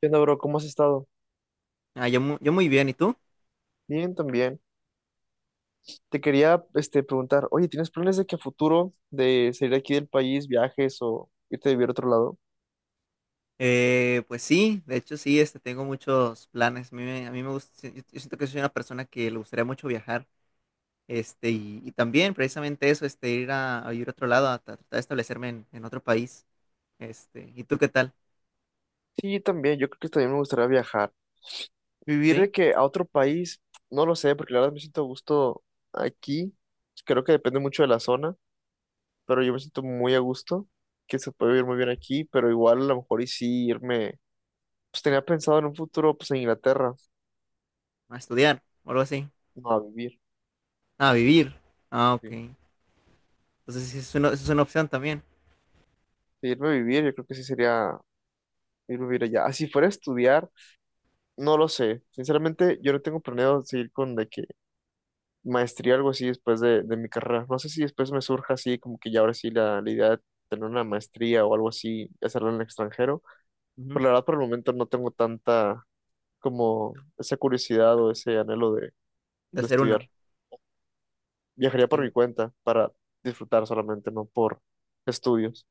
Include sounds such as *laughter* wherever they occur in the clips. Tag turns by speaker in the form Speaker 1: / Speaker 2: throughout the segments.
Speaker 1: ¿Qué onda, bro? ¿Cómo has estado?
Speaker 2: Ah, yo, yo muy bien, ¿y tú?
Speaker 1: Bien, también. Te quería, preguntar, oye, ¿tienes planes de que a futuro de salir aquí del país, viajes o irte a vivir a otro lado?
Speaker 2: Pues sí, de hecho sí, tengo muchos planes. A mí me gusta, si, yo siento que soy una persona que le gustaría mucho viajar, y también precisamente eso, ir a vivir a otro lado, tratar de establecerme en otro país, ¿y tú qué tal?
Speaker 1: Sí, también. Yo creo que también me gustaría viajar. Vivir
Speaker 2: ¿Sí?
Speaker 1: de que a otro país, no lo sé, porque la verdad me siento a gusto aquí. Creo que depende mucho de la zona, pero yo me siento muy a gusto, que se puede vivir muy bien aquí, pero igual a lo mejor y sí irme, pues tenía pensado en un futuro, pues en Inglaterra,
Speaker 2: ¿A estudiar o algo así?
Speaker 1: no a vivir.
Speaker 2: Ah, ¿a vivir? Ah, ok.
Speaker 1: Sí.
Speaker 2: Entonces sí, es una opción también,
Speaker 1: Irme a vivir, yo creo que sí sería irme a vivir allá. Ah, si fuera a estudiar, no lo sé. Sinceramente, yo no tengo planeado seguir con de que maestría o algo así después de mi carrera. No sé si después me surja así, como que ya ahora sí la idea de tener una maestría o algo así, y hacerla en el extranjero.
Speaker 2: ujú,
Speaker 1: Pero la verdad, por el momento no tengo tanta como esa curiosidad o ese anhelo de,
Speaker 2: de
Speaker 1: de
Speaker 2: hacer
Speaker 1: estudiar.
Speaker 2: una.
Speaker 1: Viajaría por mi
Speaker 2: Sí,
Speaker 1: cuenta para disfrutar solamente, no por estudios.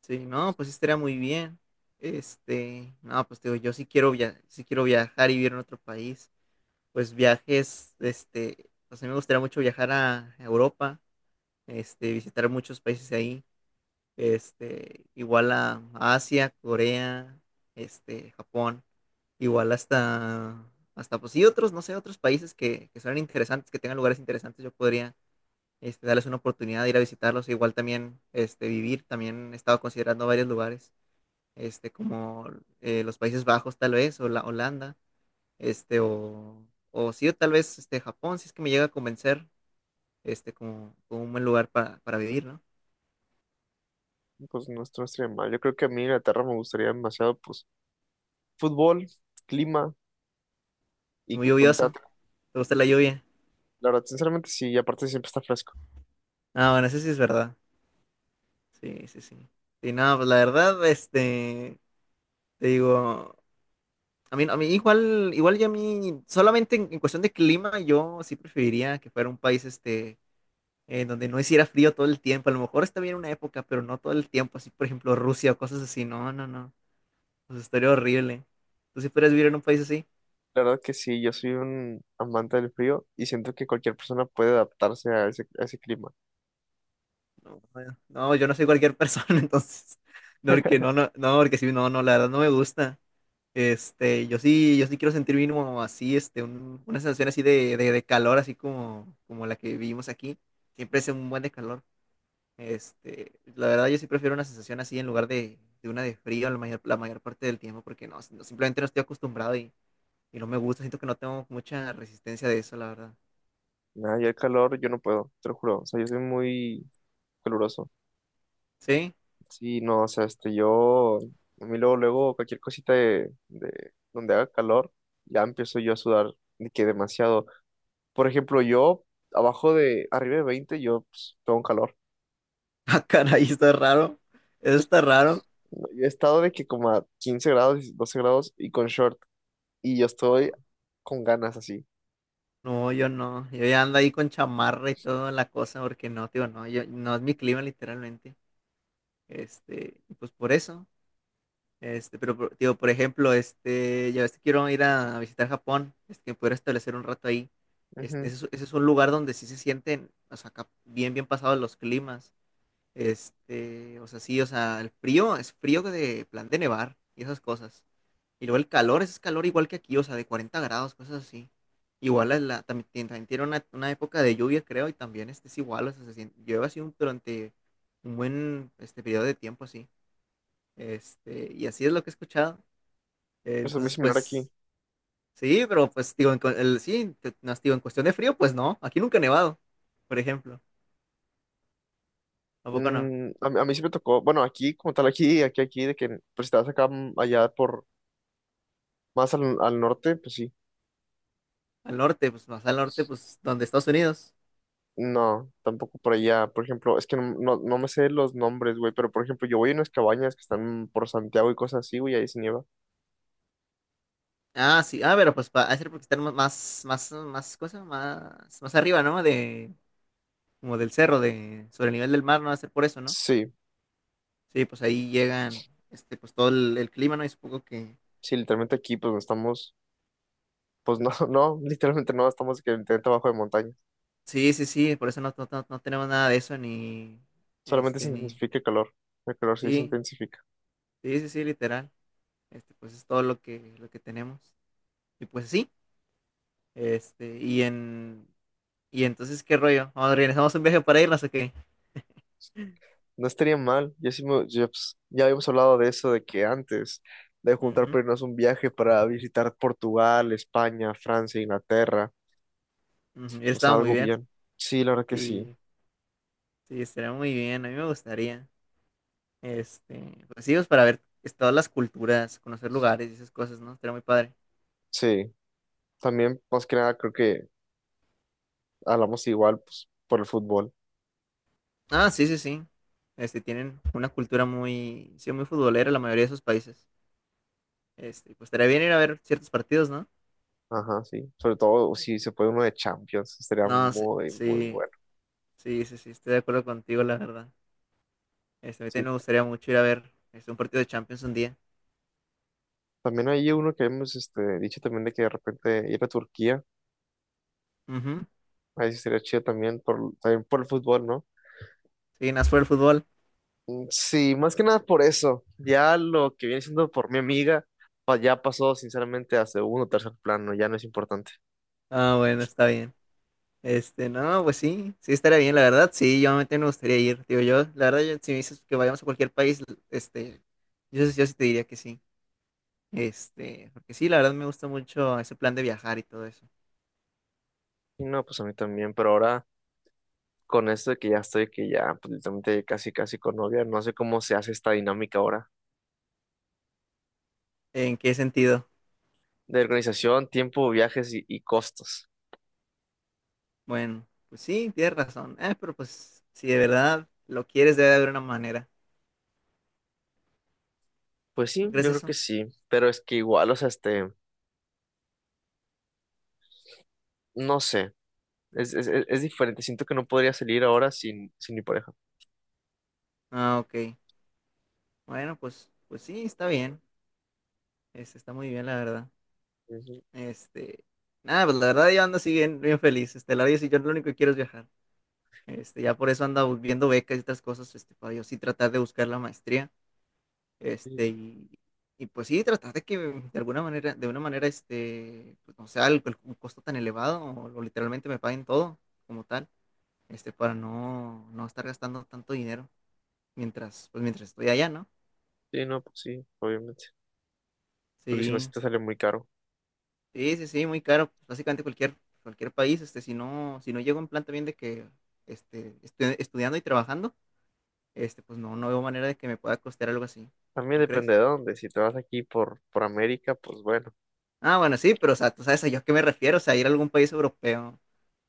Speaker 2: sí, no, pues sí estaría muy bien. No, pues te digo, yo sí quiero via- sí quiero viajar y vivir en otro país. Pues viajes, pues a mí me gustaría mucho viajar a Europa, visitar muchos países de ahí, igual a Asia, Corea, Japón, igual hasta, hasta pues sí, otros, no sé, otros países que suenan interesantes, que tengan lugares interesantes, yo podría, darles una oportunidad de ir a visitarlos, igual también, vivir, también he estado considerando varios lugares, este, como los Países Bajos tal vez, o la Holanda, o sí, o tal vez Japón, si es que me llega a convencer, como, como un buen lugar para vivir, ¿no?
Speaker 1: Pues no, esto no estaría mal. Yo creo que a mí Inglaterra me gustaría demasiado, pues fútbol, clima y
Speaker 2: Muy
Speaker 1: punta.
Speaker 2: lluvioso, ¿te gusta la lluvia?
Speaker 1: La verdad, sinceramente sí, y aparte siempre está fresco.
Speaker 2: Ah, bueno, eso sí es verdad, sí, sí, sí. Y no, pues la verdad, te digo, a mí igual, igual ya a mí, solamente en cuestión de clima, yo sí preferiría que fuera un país, en donde no hiciera frío todo el tiempo, a lo mejor está bien una época, pero no todo el tiempo, así, por ejemplo, Rusia o cosas así, no, no, no, pues estaría horrible. ¿Tú sí podrías vivir en un país así?
Speaker 1: La verdad que sí, yo soy un amante del frío y siento que cualquier persona puede adaptarse a ese clima.
Speaker 2: No, bueno, no, yo no soy cualquier persona, *laughs* entonces. No, porque
Speaker 1: *laughs*
Speaker 2: no, no, no, porque sí, no, no, la verdad no me gusta. Yo sí, yo sí quiero sentir mínimo así, una sensación así de calor, así como, como la que vivimos aquí. Siempre es un buen de calor. La verdad yo sí prefiero una sensación así en lugar de una de frío la mayor parte del tiempo, porque no, no, simplemente no estoy acostumbrado y no me gusta. Siento que no tengo mucha resistencia de eso, la verdad.
Speaker 1: Nada, yo el calor, yo no puedo, te lo juro. O sea, yo soy muy caluroso.
Speaker 2: ¿Sí? *laughs*
Speaker 1: Sí, no, o sea, yo, a mí luego, luego, cualquier cosita de donde haga calor, ya empiezo yo a sudar de que demasiado. Por ejemplo, yo, abajo de, arriba de 20 yo pues, tengo un calor.
Speaker 2: Ah, caray, está raro. Eso está raro.
Speaker 1: Yo he estado de que como a 15 grados, 12 grados y con short. Y yo estoy
Speaker 2: No.
Speaker 1: con ganas así.
Speaker 2: No, yo no. Yo ya ando ahí con chamarra y toda la cosa, porque no, tío, no, yo, no es mi clima literalmente. Y pues por eso. Tío, por ejemplo, ya ves que quiero ir a visitar Japón, que pudiera establecer un rato ahí.
Speaker 1: Ujú.
Speaker 2: Ese es, ese es un lugar donde sí se sienten, o sea, acá bien, bien pasados los climas. O sea, sí, o sea, el frío es frío de plan de nevar y esas cosas. Y luego el calor, ese es calor igual que aquí, o sea, de 40 grados, cosas así. Igual es la, también, también tiene una época de lluvia, creo, y también este es igual, o sea, llueve así durante un buen periodo de tiempo, así. Y así es lo que he escuchado.
Speaker 1: Eso es muy
Speaker 2: Entonces,
Speaker 1: similar aquí.
Speaker 2: pues, sí, pero pues, digo, sí, no, digo, en cuestión de frío, pues no, aquí nunca ha nevado, por ejemplo. Tampoco no.
Speaker 1: A mí sí me tocó, bueno, aquí como tal, de que pues si te vas acá, allá por más al norte, pues sí.
Speaker 2: Al norte, pues más al norte, pues, donde Estados Unidos.
Speaker 1: No, tampoco por allá. Por ejemplo, es que no me sé los nombres, güey, pero por ejemplo, yo voy a unas cabañas que están por Santiago y cosas así, güey, ahí se nieva.
Speaker 2: Ah, sí, ah, pero pues, para hacer porque están más, más, más, más, cosa, más, más arriba, ¿no? De, como del cerro, de, sobre el nivel del mar, no va a ser por eso, ¿no?
Speaker 1: Sí,
Speaker 2: Sí, pues ahí llegan, pues todo el clima, ¿no? Y supongo que,
Speaker 1: sí, literalmente aquí, pues no estamos, pues no, *laughs* no, literalmente no, estamos que literalmente abajo de montaña.
Speaker 2: sí, sí, sí, por eso no, no, no tenemos nada de eso, ni,
Speaker 1: Solamente se
Speaker 2: ni,
Speaker 1: intensifica el calor. El calor sí se
Speaker 2: sí,
Speaker 1: intensifica.
Speaker 2: sí, sí, sí, literal, pues es todo lo que tenemos. Y pues sí, y en, y entonces, ¿qué rollo? Vamos, ¿organizamos un viaje para irnos o qué?
Speaker 1: No estaría mal. Ya, pues, ya habíamos hablado de eso, de que antes de juntar
Speaker 2: Ujú,
Speaker 1: para irnos un viaje para visitar Portugal, España, Francia, Inglaterra.
Speaker 2: ujú, y
Speaker 1: O sea,
Speaker 2: estaba muy
Speaker 1: algo
Speaker 2: bien,
Speaker 1: bien. Sí, la verdad que sí.
Speaker 2: sí, sí, estaría muy bien, a mí me gustaría. Pues sí, pues para ver todas las culturas, conocer lugares y esas cosas, ¿no? Estaría muy padre.
Speaker 1: Sí. También, más que nada, creo que hablamos igual, pues, por el fútbol.
Speaker 2: Ah, sí, sí, sí. Tienen una cultura muy, sí, muy futbolera la mayoría de sus países. Pues estaría bien ir a ver ciertos partidos, ¿no?
Speaker 1: Ajá, sí. Sobre todo si se puede uno de Champions. Estaría
Speaker 2: No, sí,
Speaker 1: muy, muy
Speaker 2: sí,
Speaker 1: bueno.
Speaker 2: sí, sí, sí, estoy de acuerdo contigo, la verdad. A mí
Speaker 1: Sí.
Speaker 2: también me gustaría mucho ir a ver un partido de Champions un día.
Speaker 1: También hay uno que hemos dicho también de que de repente ir a Turquía.
Speaker 2: Ujú.
Speaker 1: Ahí sí sería chido también también por el fútbol, ¿no?
Speaker 2: Sí, más por el fútbol.
Speaker 1: Mm, sí, más que nada por eso. Ya lo que viene siendo por mi amiga, ya pasó sinceramente a segundo o tercer plano, ya no es importante.
Speaker 2: Ah, bueno, está bien. No, pues sí, sí estaría bien, la verdad, sí, yo también me gustaría ir, digo yo, la verdad, si me dices que vayamos a cualquier país, yo, yo sí te diría que sí, porque sí, la verdad me gusta mucho ese plan de viajar y todo eso.
Speaker 1: Y no, pues a mí también, pero ahora con esto de que ya estoy, que ya pues, literalmente casi casi con novia, no sé cómo se hace esta dinámica ahora
Speaker 2: ¿En qué sentido?
Speaker 1: de organización, tiempo, viajes y costos.
Speaker 2: Bueno, pues sí, tienes razón, pero pues si de verdad lo quieres debe de haber una manera,
Speaker 1: Pues
Speaker 2: ¿no
Speaker 1: sí,
Speaker 2: crees
Speaker 1: yo creo que
Speaker 2: eso?
Speaker 1: sí, pero es que igual, o sea, no sé, es diferente, siento que no podría salir ahora sin mi pareja.
Speaker 2: Ah, ok, bueno, pues, pues sí, está bien, está muy bien, la verdad, este, nada, pues la verdad yo ando así bien, bien feliz, la verdad, yo lo único que quiero es viajar. Ya por eso anda viendo becas y otras cosas, para yo sí tratar de buscar la maestría, este,
Speaker 1: Ujú.
Speaker 2: y, y pues sí, tratar de que de alguna manera, de una manera, pues no sea un costo tan elevado, o literalmente me paguen todo como tal, para no, no estar gastando tanto dinero mientras, pues mientras estoy allá, ¿no?
Speaker 1: Sí, no, pues sí, obviamente. Porque si no, sí
Speaker 2: Sí,
Speaker 1: te sale muy caro.
Speaker 2: sí, sí, sí, muy caro, pues básicamente cualquier, cualquier país, si no, si no llego en plan también de que, estudiando y trabajando, pues no, no veo manera de que me pueda costear algo así,
Speaker 1: También
Speaker 2: ¿no
Speaker 1: depende
Speaker 2: crees?
Speaker 1: de dónde. Si te vas aquí por América, pues bueno.
Speaker 2: Ah, bueno, sí, pero o sea, tú sabes a yo a qué me refiero, o sea, ir a algún país europeo,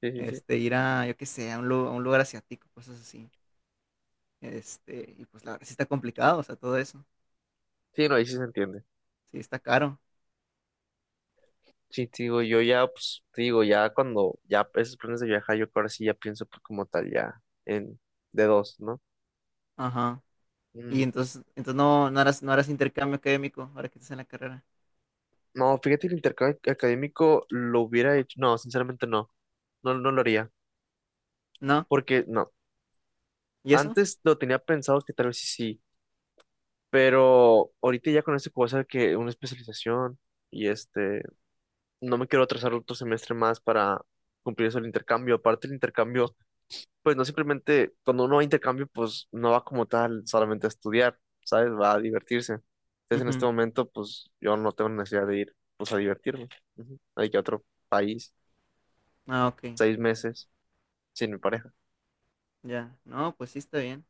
Speaker 1: Sí, sí, sí.
Speaker 2: ir a, yo qué sé, a un, a un lugar asiático, cosas así. Y pues la verdad sí está complicado, o sea, todo eso.
Speaker 1: Sí, no, ahí sí se entiende.
Speaker 2: Sí, está caro.
Speaker 1: Sí, te digo, yo ya, pues, te digo, ya cuando ya esos planes de viajar, yo que ahora sí ya pienso pues, como tal, ya en de dos, ¿no?
Speaker 2: Ajá. Y
Speaker 1: Mm,
Speaker 2: entonces, entonces no, no harás, no harás intercambio académico ahora que estás en la carrera.
Speaker 1: no, fíjate que el intercambio académico lo hubiera hecho. No, sinceramente no. No, no lo haría.
Speaker 2: ¿No?
Speaker 1: Porque no.
Speaker 2: ¿Y eso?
Speaker 1: Antes lo tenía pensado que tal vez sí, sí. Pero ahorita ya con esto que voy a hacer que una especialización y no me quiero atrasar otro semestre más para cumplir eso el intercambio. Aparte el intercambio, pues no simplemente, cuando uno va a intercambio, pues no va como tal solamente a estudiar, ¿sabes? Va a divertirse. Entonces en este
Speaker 2: Ujú.
Speaker 1: momento, pues yo no tengo necesidad de ir, pues a divertirme. Ujú. Hay que ir a otro país,
Speaker 2: Ah, ok.
Speaker 1: 6 meses, sin mi pareja.
Speaker 2: Ya. No, pues sí está bien.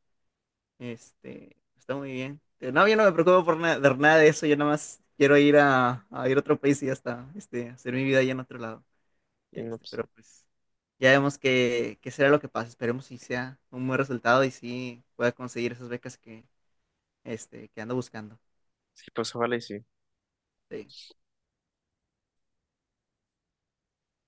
Speaker 2: Está muy bien. No, yo no me preocupo por nada, de nada de eso, yo nada más quiero ir a ir a otro país y ya está. Hacer mi vida allá en otro lado.
Speaker 1: Y no, pues,
Speaker 2: Pero pues ya vemos qué, qué será lo que pasa. Esperemos si sea un buen resultado y si pueda conseguir esas becas que, que ando buscando.
Speaker 1: sí, pues ojalá y sí.
Speaker 2: Sí.